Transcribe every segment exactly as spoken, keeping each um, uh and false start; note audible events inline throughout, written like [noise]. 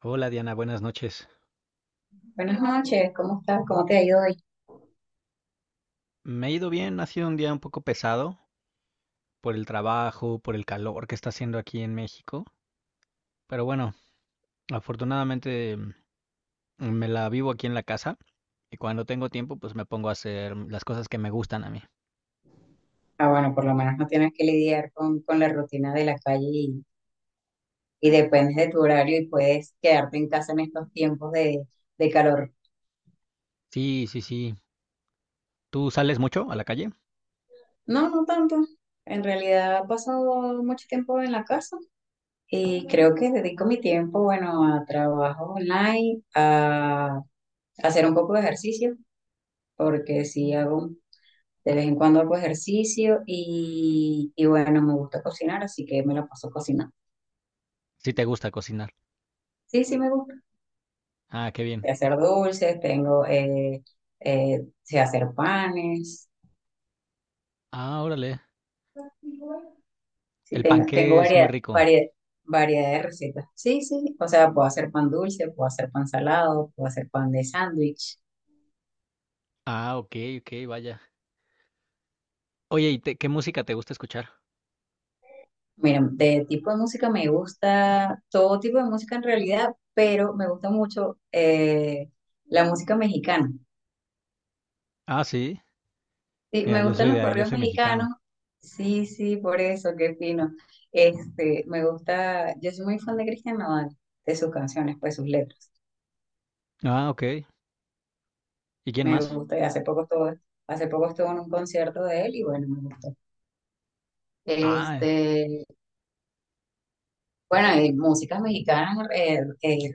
Hola Diana, buenas noches. Buenas noches, ¿cómo estás? ¿Cómo te ha ido hoy? Me ha ido bien, ha sido un día un poco pesado por el trabajo, por el calor que está haciendo aquí en México, pero bueno, afortunadamente, mm, me la vivo aquí en la casa y cuando tengo tiempo pues me pongo a hacer las cosas que me gustan a mí. Ah, bueno, por lo menos no tienes que lidiar con, con la rutina de la calle y, y dependes de tu horario y puedes quedarte en casa en estos tiempos de, de calor. Sí, sí, sí. ¿Tú sales mucho a la calle? No, no tanto. En realidad he pasado mucho tiempo en la casa y creo que dedico mi tiempo, bueno, a trabajo online, a hacer un poco de ejercicio, porque sí hago de vez en cuando hago ejercicio y, y bueno, me gusta cocinar, así que me la paso cocinando. Sí te gusta cocinar. Sí, sí me gusta. Ah, qué bien. De hacer dulces, tengo, eh, eh, sé hacer panes, Ah, órale. sí, El tengo, tengo panqué es muy variedad, rico. variedad, variedad de recetas. Sí, sí, o sea, puedo hacer pan dulce, puedo hacer pan salado, puedo hacer pan de sándwich. Ah, ok, ok, vaya. Oye, ¿y te- qué música te gusta escuchar? Mira, de tipo de música me gusta todo tipo de música en realidad, pero me gusta mucho eh, la música mexicana. Ah, sí. Sí, Mira, me yo gustan soy los de, yo corridos soy mexicanos. mexicano. Sí, sí, por eso, qué fino. Este, me gusta, yo soy muy fan de Cristian Nodal, de sus canciones, pues sus letras. Ah, ok. ¿Y quién Me más? gusta, y hace poco estuve, hace poco estuve en un concierto de él y bueno, me gustó. Ah, Este, bueno, y músicas mexicanas, eh, eh,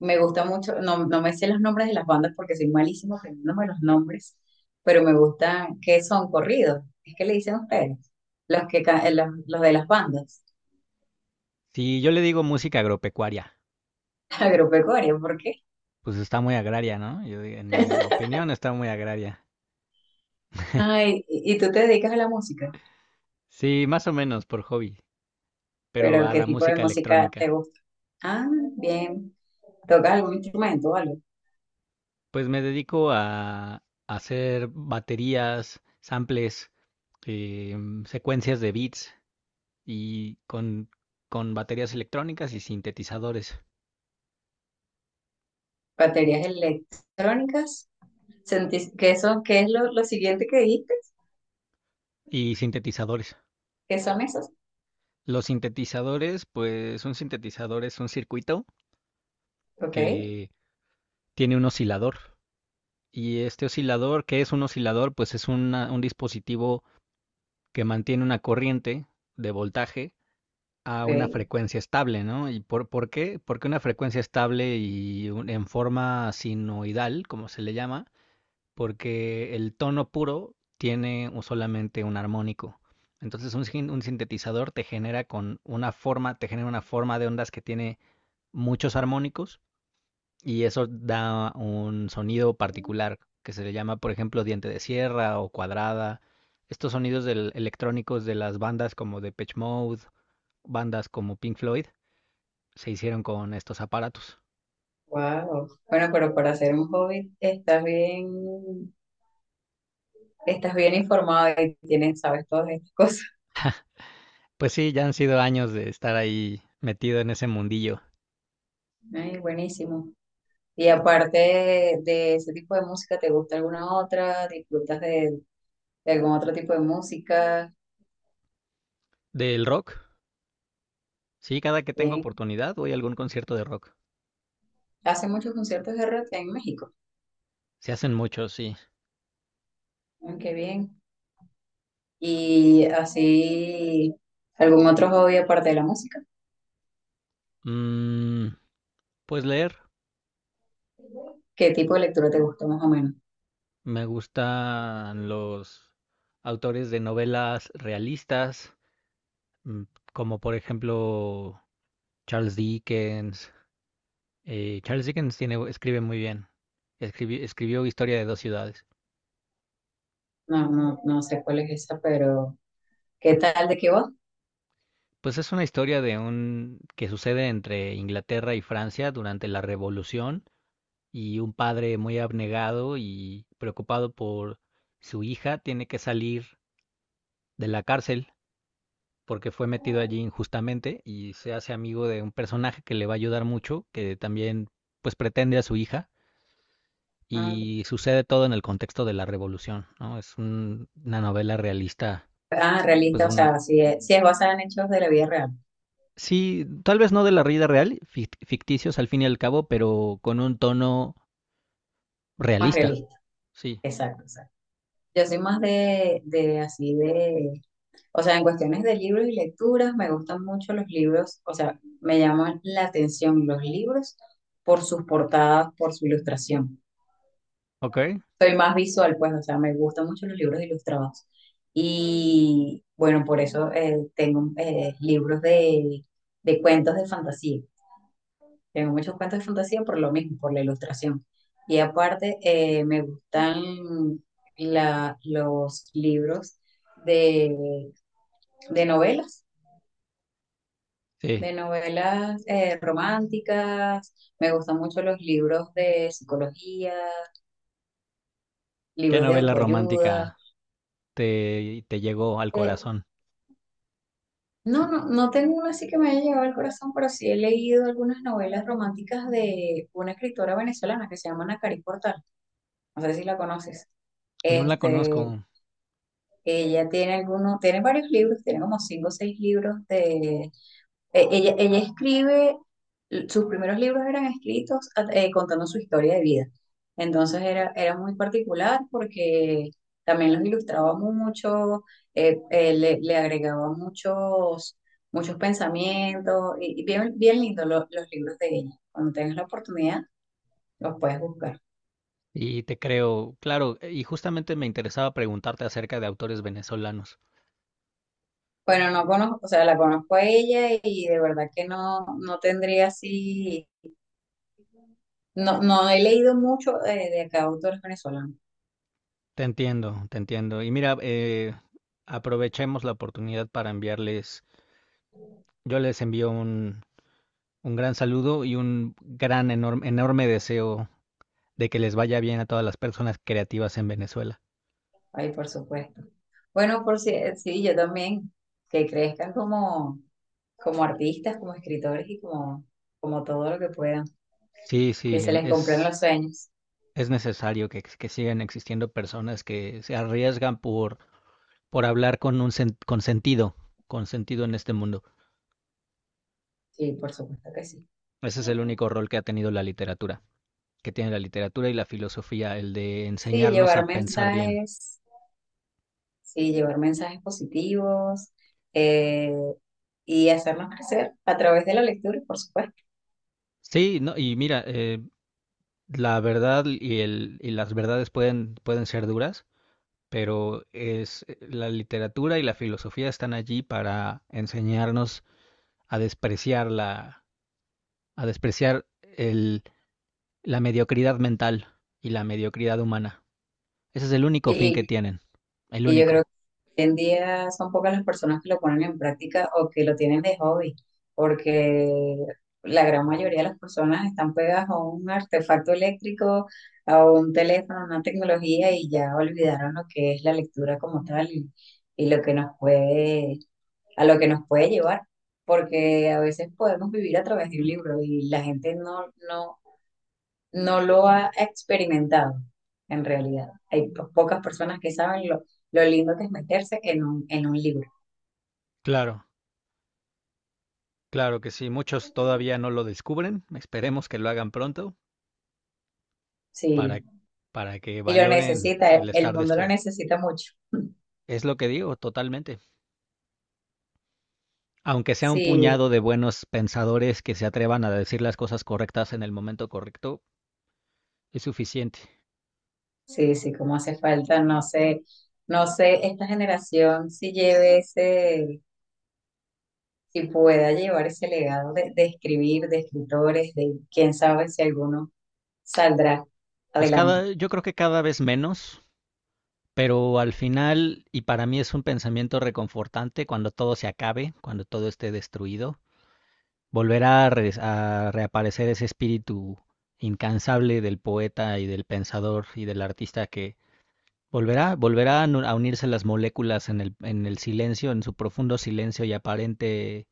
me gusta mucho, no, no me sé los nombres de las bandas porque soy malísimo aprendiéndome los nombres, pero me gustan, ¿que son corridos? Es que le dicen ustedes, los que, ca- los, los de las bandas. sí, yo le digo música agropecuaria. [laughs] Agropecuario, porque Pues está muy agraria, ¿no? Yo, di- en mi opinión está muy agraria. ay, y y tú te dedicas a la música, Sí, más o menos por hobby, pero pero a ¿qué la tipo de música música te electrónica. gusta? Ah, bien. ¿Tocas algún instrumento o algo? Pues me dedico a hacer baterías, samples, em, secuencias de beats y con, con baterías electrónicas y sintetizadores. ¿Baterías electrónicas? ¿Sentís que eso, qué es lo, lo siguiente que dijiste? Y sintetizadores. ¿Qué son esas? Los sintetizadores, pues un sintetizador es un circuito Ok, que tiene un oscilador. Y este oscilador, ¿qué es un oscilador? Pues es una- un dispositivo que mantiene una corriente de voltaje a una ok, frecuencia estable, ¿no? ¿Y por, por qué? Porque una frecuencia estable y un- en forma sinoidal, como se le llama, porque el tono puro tiene un- solamente un armónico. Entonces un, sin- un sintetizador te genera con una forma, te genera una forma de ondas que tiene muchos armónicos, y eso da un sonido particular que se le llama, por ejemplo, diente de sierra o cuadrada. Estos sonidos del- electrónicos de las bandas como Depeche Mode, bandas como Pink Floyd, se hicieron con estos aparatos. wow. Bueno, pero para hacer un hobby estás bien, estás bien informado y tienes, sabes todas estas cosas. Pues sí, ya han sido años de estar ahí metido en ese mundillo Ay, buenísimo. Y aparte de ese tipo de música, ¿te gusta alguna otra? ¿Disfrutas de, de algún otro tipo de música? del rock. Sí, cada que tengo Bien. oportunidad voy a algún concierto de rock. Hace muchos conciertos de rock en México. Se hacen muchos, sí. Mm, qué bien. Y así, ¿algún otro hobby aparte de la música? Mm, pues leer. ¿Qué tipo de lectura te gusta más o menos? Me gustan los autores de novelas realistas, mm, como por ejemplo Charles Dickens. Eh, Charles Dickens tiene, escribe muy bien. Escribi- escribió Historia de dos ciudades. No, no, no sé cuál es esa, pero ¿qué tal de qué va? Pues es una historia de un que sucede entre Inglaterra y Francia durante la Revolución, y un padre muy abnegado y preocupado por su hija tiene que salir de la cárcel porque fue metido allí injustamente, y se hace amigo de un personaje que le va a ayudar mucho, que también pues pretende a su hija, Ah, y sucede todo en el contexto de la revolución, ¿no? Es un- una novela realista, ah, pues realista, o una... sea, ¿si es, si es basada en hechos de la vida real, Sí, tal vez no de la vida real, fic- ficticios al fin y al cabo, pero con un tono más realista. realista? Sí. Exacto, exacto. Yo soy más de, de así de, o sea, en cuestiones de libros y lecturas, me gustan mucho los libros, o sea, me llaman la atención los libros por sus portadas, por su ilustración. ¿Ok? Soy más visual, pues, o sea, me gustan mucho los libros ilustrados. Y bueno, por eso eh, tengo eh, libros de, de cuentos de fantasía. Tengo muchos cuentos de fantasía por lo mismo, por la ilustración. Y aparte, eh, me gustan la- los libros de, de novelas, Sí. de novelas eh, románticas. Me gustan mucho los libros de psicología, ¿Qué libros de novela autoayuda. romántica te, te llegó al Eh, corazón? No, no, no tengo una así que me haya llegado al corazón, pero sí he leído algunas novelas románticas de una escritora venezolana que se llama Nacarí Portal. No sé si la conoces. No la Este, conozco ella tiene algunos, tiene varios libros, tiene como cinco o seis libros de eh, ella, ella escribe, sus primeros libros eran escritos eh, contando su historia de vida. Entonces era, era muy particular porque también los ilustraba mucho, eh, eh, le, le agregaba muchos, muchos pensamientos y, y bien, bien lindo lo- los libros de ella. Cuando tengas la oportunidad, los puedes buscar. y te creo, claro, y justamente me interesaba preguntarte acerca de autores venezolanos. Bueno, no conozco, o sea, la conozco a ella y de verdad que no, no tendría así, no, no he leído mucho eh, de acá autores venezolanos. Te entiendo, te entiendo. Y mira, eh, aprovechemos la oportunidad para enviarles. Yo les envío un, un gran saludo y un gran, enorme, enorme deseo de que les vaya bien a todas las personas creativas en Venezuela. Ay, por supuesto. Bueno, por si, sí, yo también, que crezcan como, como artistas, como escritores y como, como todo lo que puedan, Sí, que sí, se les cumplan es, los sueños. es necesario que, que sigan existiendo personas que se arriesgan por, por hablar con un sen- con sentido, con sentido en este mundo. Sí, por supuesto que sí. Ese es el único rol que ha tenido la literatura, que tiene la literatura y la filosofía, el de Sí, enseñarnos a llevar pensar bien. mensajes, sí, llevar mensajes positivos eh, y hacernos crecer a través de la lectura, por supuesto. Sí, no, y mira, eh, la verdad y el, y las verdades pueden, pueden ser duras, pero es la literatura y la filosofía están allí para enseñarnos a despreciar la, a despreciar el, la mediocridad mental y la mediocridad humana. Ese es el único fin que Y, tienen, el y yo creo único. hoy en día son pocas las personas que lo ponen en práctica o que lo tienen de hobby, porque la gran mayoría de las personas están pegadas a un artefacto eléctrico, a un teléfono, a una tecnología y ya olvidaron lo que es la lectura como tal y, y lo que nos puede, a lo que nos puede llevar, porque a veces podemos vivir a través de un libro y la gente no, no no lo ha experimentado en realidad. Hay po- pocas personas que saben lo, lo lindo que es meterse en un, en un libro. Claro, claro que sí. Muchos todavía no lo descubren. Esperemos que lo hagan pronto para, Sí, para que y lo valoren necesita, el, el el estar mundo lo despierto. necesita mucho. Es lo que digo, totalmente. Aunque sea un Sí, puñado de buenos pensadores que se atrevan a decir las cosas correctas en el momento correcto, es suficiente. sí, sí, como hace falta, no sé, no sé, esta generación si lleve ese, si pueda llevar ese legado de, de escribir, de escritores, de quién sabe si alguno saldrá Pues adelante. cada, yo creo que cada vez menos, pero al final, y para mí es un pensamiento reconfortante, cuando todo se acabe, cuando todo esté destruido, volverá a, re- a reaparecer ese espíritu incansable del poeta y del pensador y del artista, que volverá, volverá a nu- a unirse las moléculas en el, en el silencio, en su profundo silencio y aparente,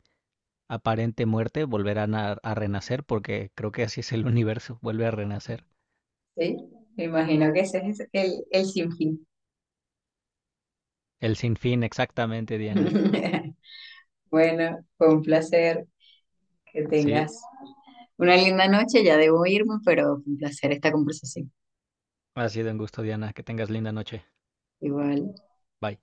aparente muerte, volverán a, a renacer, porque creo que así es el [laughs] universo, vuelve a renacer. Sí, me imagino que ese es el, el sinfín. El sinfín, exactamente, Diana. [laughs] Bueno, fue un placer que Sí, tengas una linda noche. Ya debo irme, pero fue un placer esta conversación. ha sido un gusto, Diana. Que tengas linda noche. Igual. Bye.